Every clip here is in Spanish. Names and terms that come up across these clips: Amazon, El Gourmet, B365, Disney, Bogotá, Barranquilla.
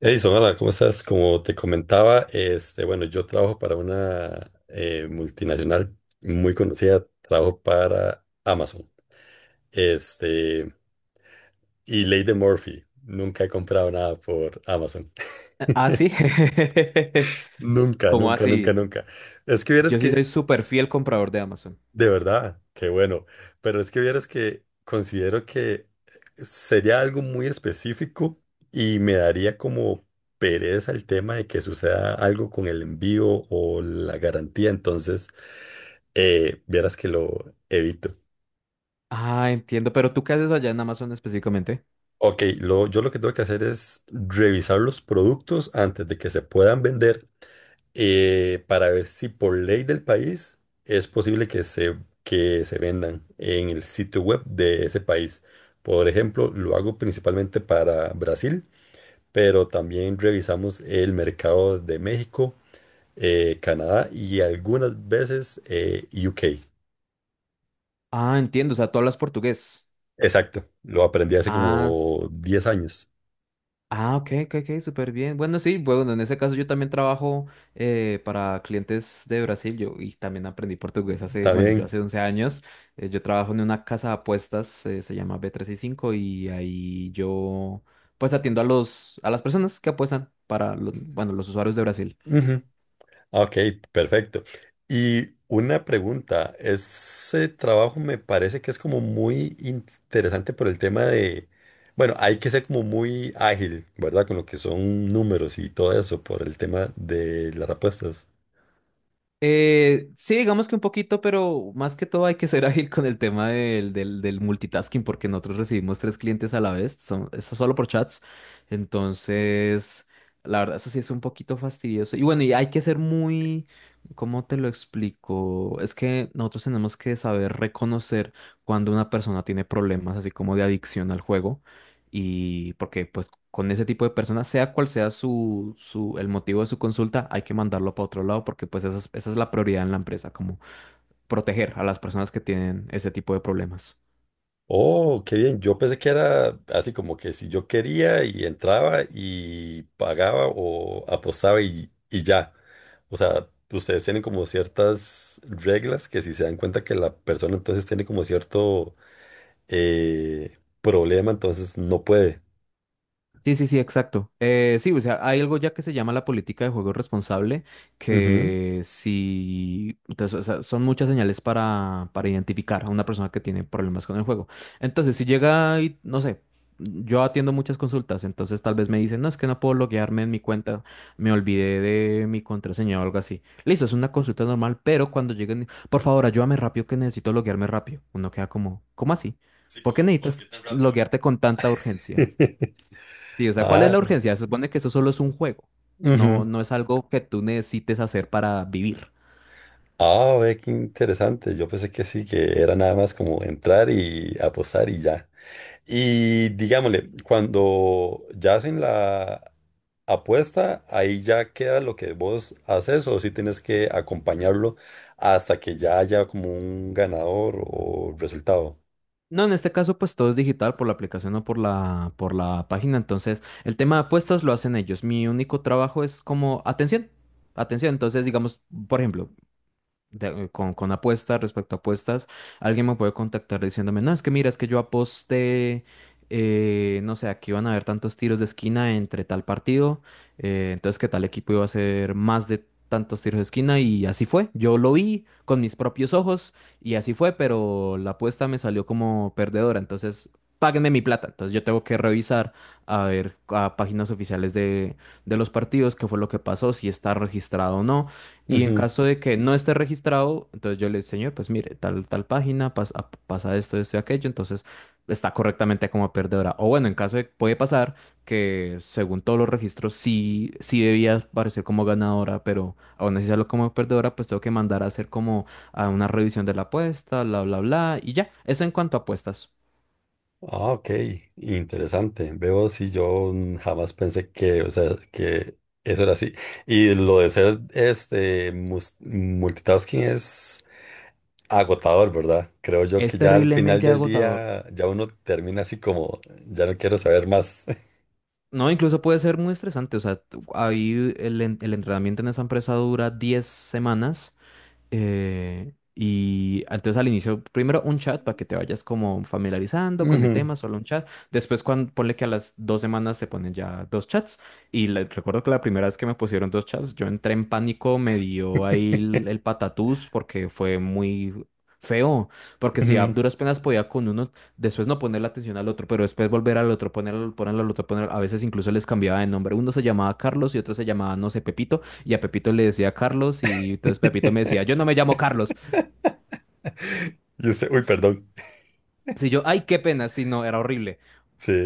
Edison, hola, ¿cómo estás? Como te comentaba, bueno, yo trabajo para una multinacional muy conocida. Trabajo para Amazon. Este, y Ley de Murphy, nunca he comprado nada por Amazon. Ah, sí. Nunca, ¿Cómo nunca, nunca, así? nunca. Es que vieras Yo sí soy que... súper fiel comprador de Amazon. De verdad, qué bueno. Pero es que vieras que considero que sería algo muy específico y me daría como pereza el tema de que suceda algo con el envío o la garantía. Entonces, vieras que lo evito. Ah, entiendo. Pero ¿tú qué haces allá en Amazon específicamente? Ok, yo lo que tengo que hacer es revisar los productos antes de que se puedan vender, para ver si por ley del país es posible que se vendan en el sitio web de ese país. Por ejemplo, lo hago principalmente para Brasil, pero también revisamos el mercado de México, Canadá y algunas veces UK. Ah, entiendo. O sea, tú hablas portugués. Exacto, lo aprendí hace Ah, como 10 años. ah, ok, ok, ok, súper bien. Bueno, sí, bueno, en ese caso yo también trabajo para clientes de Brasil. Yo y también aprendí portugués hace, bueno, yo También. hace 11 años. Yo trabajo en una casa de apuestas, se llama B365 y cinco, y ahí yo pues atiendo a las personas que apuestan para los, bueno, los usuarios de Brasil. Ujú. Ok, perfecto. Y una pregunta, ese trabajo me parece que es como muy interesante por el tema de, bueno, hay que ser como muy ágil, ¿verdad? Con lo que son números y todo eso por el tema de las apuestas. Sí, digamos que un poquito, pero más que todo hay que ser ágil con el tema del multitasking, porque nosotros recibimos tres clientes a la vez, son, eso solo por chats. Entonces, la verdad, eso sí es un poquito fastidioso. Y bueno, y hay que ser muy, ¿cómo te lo explico? Es que nosotros tenemos que saber reconocer cuando una persona tiene problemas, así como de adicción al juego, y porque pues con ese tipo de personas, sea cual sea el motivo de su consulta, hay que mandarlo para otro lado porque pues esa es la prioridad en la empresa, como proteger a las personas que tienen ese tipo de problemas. Oh, qué bien. Yo pensé que era así como que si yo quería y entraba y pagaba o apostaba y ya. O sea, ustedes tienen como ciertas reglas que si se dan cuenta que la persona entonces tiene como cierto problema, entonces no puede. Sí, sí, sí, exacto. Sí, o sea, hay algo ya que se llama la política de juego responsable, Ujú. que si, entonces, o sea, son muchas señales para identificar a una persona que tiene problemas con el juego. Entonces, si llega y, no sé, yo atiendo muchas consultas, entonces tal vez me dicen, no, es que no puedo loguearme en mi cuenta, me olvidé de mi contraseña o algo así. Listo, es una consulta normal, pero cuando lleguen, por favor, ayúdame rápido que necesito loguearme rápido. Uno queda como, ¿cómo así? Sí, ¿Por qué como, ¿por qué necesitas tan rápido? loguearte con tanta urgencia? Sí, o sea, ¿cuál es Ah, la urgencia? Se supone que eso solo es un juego. ujú. No, no es algo que tú necesites hacer para vivir. Ah, ve qué interesante. Yo pensé que sí, que era nada más como entrar y apostar y ya. Y digámosle, cuando ya hacen la apuesta, ahí ya queda lo que vos haces o si tienes que acompañarlo hasta que ya haya como un ganador o resultado. No, en este caso, pues todo es digital por la aplicación o por la página. Entonces, el tema de apuestas lo hacen ellos. Mi único trabajo es como atención. Atención. Entonces, digamos, por ejemplo, con apuestas, respecto a apuestas, alguien me puede contactar diciéndome, no, es que mira, es que yo aposté, no sé, aquí van a haber tantos tiros de esquina entre tal partido, entonces que tal equipo iba a hacer más de tantos tiros de esquina y así fue. Yo lo vi con mis propios ojos y así fue, pero la apuesta me salió como perdedora, entonces. Páguenme mi plata. Entonces yo tengo que revisar a ver a páginas oficiales de los partidos qué fue lo que pasó, si está registrado o no y en caso de que no esté registrado, entonces yo le digo, señor, pues mire, tal página, pasa esto, esto y aquello, entonces está correctamente como perdedora. O bueno, en caso de, puede pasar que según todos los registros sí, sí debía aparecer como ganadora, pero aún así salió como perdedora, pues tengo que mandar a hacer como a una revisión de la apuesta, bla, bla, bla, y ya. Eso en cuanto a apuestas. Ah, ok, interesante. Veo si yo jamás pensé que, o sea, que eso era así. Y lo de ser multitasking es agotador, ¿verdad? Creo yo que Es ya al final terriblemente del agotador. día ya uno termina así como, ya no quiero saber más. No, incluso puede ser muy estresante. O sea, ahí el entrenamiento en esa empresa dura 10 semanas. Y entonces al inicio, primero un chat para que te vayas como familiarizando con el Ujú, tema, solo un chat. Después, cuando, ponle que a las 2 semanas te ponen ya dos chats. Recuerdo que la primera vez que me pusieron dos chats, yo entré en pánico, me dio ahí el patatús porque fue muy feo. Porque si a ujú. duras penas podía con uno, después no poner la atención al otro, pero después volver al otro, ponerlo, ponerlo al otro, ponerlo. A veces incluso les cambiaba de nombre. Uno se llamaba Carlos y otro se llamaba, no sé, Pepito y a Pepito le decía Carlos y entonces Pepito me decía, yo no me llamo Carlos. Y usted, uy, perdón. Si yo, ay, qué pena, si no, era horrible.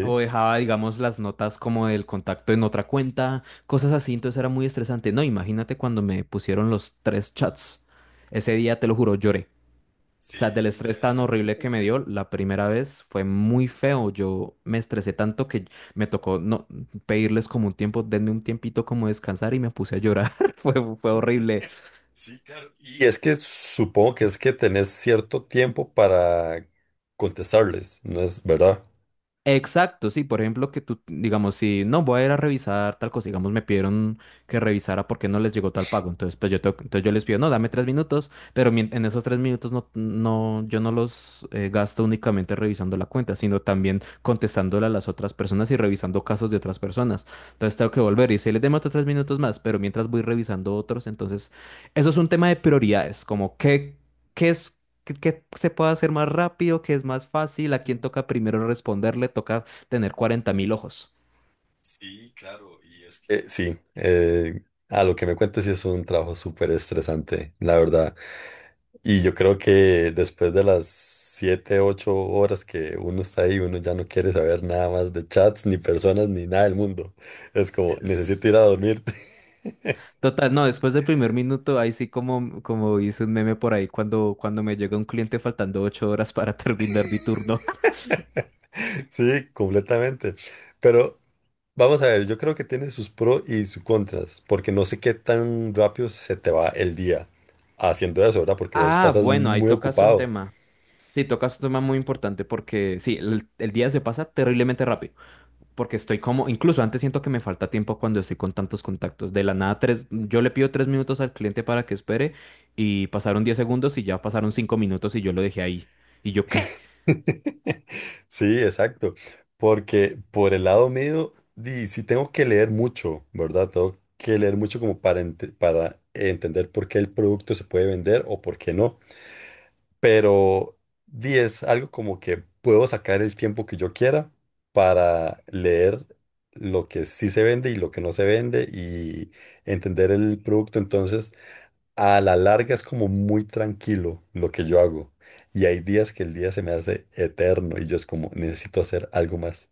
O dejaba, digamos, las notas como del contacto en otra cuenta, cosas así, entonces era muy estresante. No, imagínate cuando me pusieron los tres chats. Ese día, te lo juro, lloré. O sea, del Sí, estrés debe tan ser. horrible que me dio la primera vez fue muy feo. Yo me estresé tanto que me tocó no pedirles como un tiempo, denme un tiempito como descansar y me puse a llorar. Fue horrible. Sí, claro. Y es que supongo que es que tenés cierto tiempo para contestarles, ¿no es verdad? Exacto, sí, por ejemplo, que tú, digamos, si no voy a ir a revisar tal cosa, digamos, me pidieron que revisara por qué no les llegó tal pago, entonces yo les pido, no, dame 3 minutos, pero en esos 3 minutos no, no, yo no los gasto únicamente revisando la cuenta, sino también contestándole a las otras personas y revisando casos de otras personas. Entonces tengo que volver y si les demora 3 minutos más, pero mientras voy revisando otros, entonces, eso es un tema de prioridades, como qué es que se puede hacer más rápido, que es más fácil, a quién Ujú. toca primero responderle, toca tener 40.000 ojos. Sí, claro. Y es que... a lo que me cuentes sí es un trabajo súper estresante, la verdad. Y yo creo que después de las 7, 8 horas que uno está ahí, uno ya no quiere saber nada más de chats, ni personas, ni nada del mundo. Es como, Es- necesito ir a dormir. Total, no, después del primer minuto, ahí sí como, como hice un meme por ahí cuando, cuando me llega un cliente faltando 8 horas para terminar mi turno. Sí, completamente. Pero... Vamos a ver, yo creo que tiene sus pros y sus contras, porque no sé qué tan rápido se te va el día haciendo eso, ¿verdad? Porque vos Ah, pasas bueno, ahí muy tocas un ocupado. tema. Sí, tocas un tema muy importante porque sí, el día se pasa terriblemente rápido. Porque estoy como, incluso antes siento que me falta tiempo cuando estoy con tantos contactos. De la nada, yo le pido 3 minutos al cliente para que espere y pasaron 10 segundos y ya pasaron 5 minutos y yo lo dejé ahí. Y yo, ¿qué? Sí, exacto. Porque por el lado mío, di, sí tengo que leer mucho, ¿verdad? Tengo que leer mucho como para entender por qué el producto se puede vender o por qué no. Pero 10, algo como que puedo sacar el tiempo que yo quiera para leer lo que sí se vende y lo que no se vende y entender el producto. Entonces, a la larga es como muy tranquilo lo que yo hago. Y hay días que el día se me hace eterno y yo es como, necesito hacer algo más,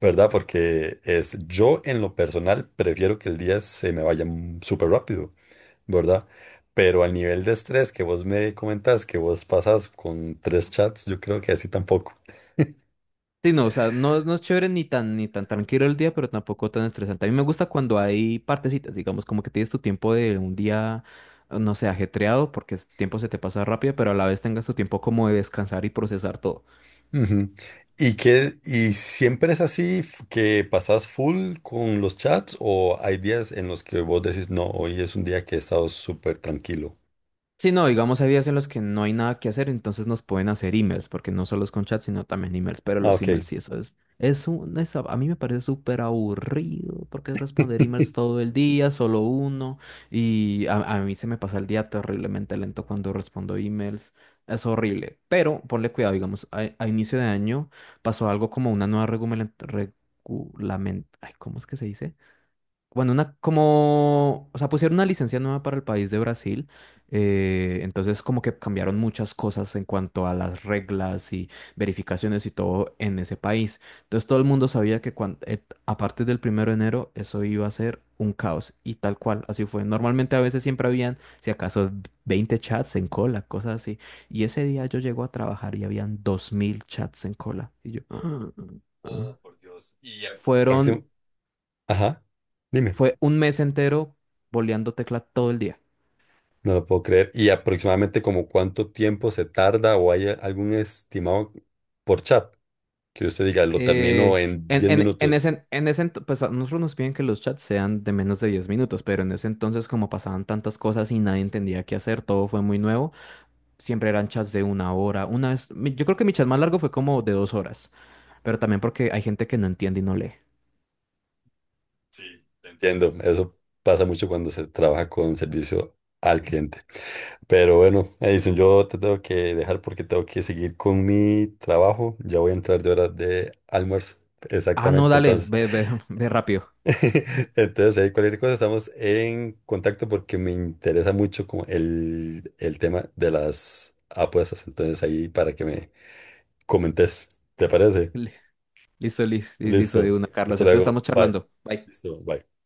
¿verdad? Porque es, yo en lo personal prefiero que el día se me vaya súper rápido. ¿Verdad? Pero al nivel de estrés que vos me comentás, que vos pasas con tres chats, yo creo que así tampoco. Sí, no, o sea, no, no es chévere ni tan tranquilo el día, pero tampoco tan estresante. A mí me gusta cuando hay partecitas, digamos, como que tienes tu tiempo de un día, no sé, ajetreado, porque el tiempo se te pasa rápido, pero a la vez tengas tu tiempo como de descansar y procesar todo. Ujú. ¿Y que y siempre es así que pasás full con los chats o hay días en los que vos decís, no, hoy es un día que he estado súper tranquilo? Sí, no, digamos, hay días en los que no hay nada que hacer, entonces nos pueden hacer emails, porque no solo es con chat, sino también emails, pero Ah, los ok. emails sí, eso es un, es a mí me parece súper aburrido, porque es responder emails todo el día, solo uno, y a mí se me pasa el día terriblemente lento cuando respondo emails, es horrible, pero ponle cuidado, digamos, a inicio de año pasó algo como una nueva regulamentación, ay, ¿cómo es que se dice? Bueno, una como, o sea, pusieron una licencia nueva para el país de Brasil, entonces como que cambiaron muchas cosas en cuanto a las reglas y verificaciones y todo en ese país. Entonces todo el mundo sabía que a partir del 1 de enero eso iba a ser un caos y tal cual, así fue. Normalmente a veces siempre habían, si acaso, 20 chats en cola, cosas así. Y ese día yo llego a trabajar y habían 2.000 chats en cola. Y yo. Oh, por Dios. Y ya- próximo. Fueron Ajá, dime. fue un mes entero boleando tecla todo el día. No lo puedo creer. ¿Y aproximadamente como cuánto tiempo se tarda o hay algún estimado por chat? Que usted diga, lo termino Eh, en 10 minutos. Pues a nosotros nos piden que los chats sean de menos de 10 minutos, pero en ese entonces como pasaban tantas cosas y nadie entendía qué hacer, todo fue muy nuevo, siempre eran chats de una hora. Una vez, yo creo que mi chat más largo fue como de 2 horas, pero también porque hay gente que no entiende y no lee. Sí, te entiendo. Eso pasa mucho cuando se trabaja con servicio al cliente. Pero bueno, Edison, yo te tengo que dejar porque tengo que seguir con mi trabajo. Ya voy a entrar de horas de almuerzo. Ah, no, Exactamente, dale, entonces. ve, ve, ve rápido. Entonces, ahí cualquier cosa estamos en contacto porque me interesa mucho como el tema de las apuestas. Entonces, ahí para que me comentes. ¿Te parece? Li- Listo, listo, listo de Listo. una, Carlos. Hasta Entonces luego. estamos Bye. charlando. Bye. Listo. Bye.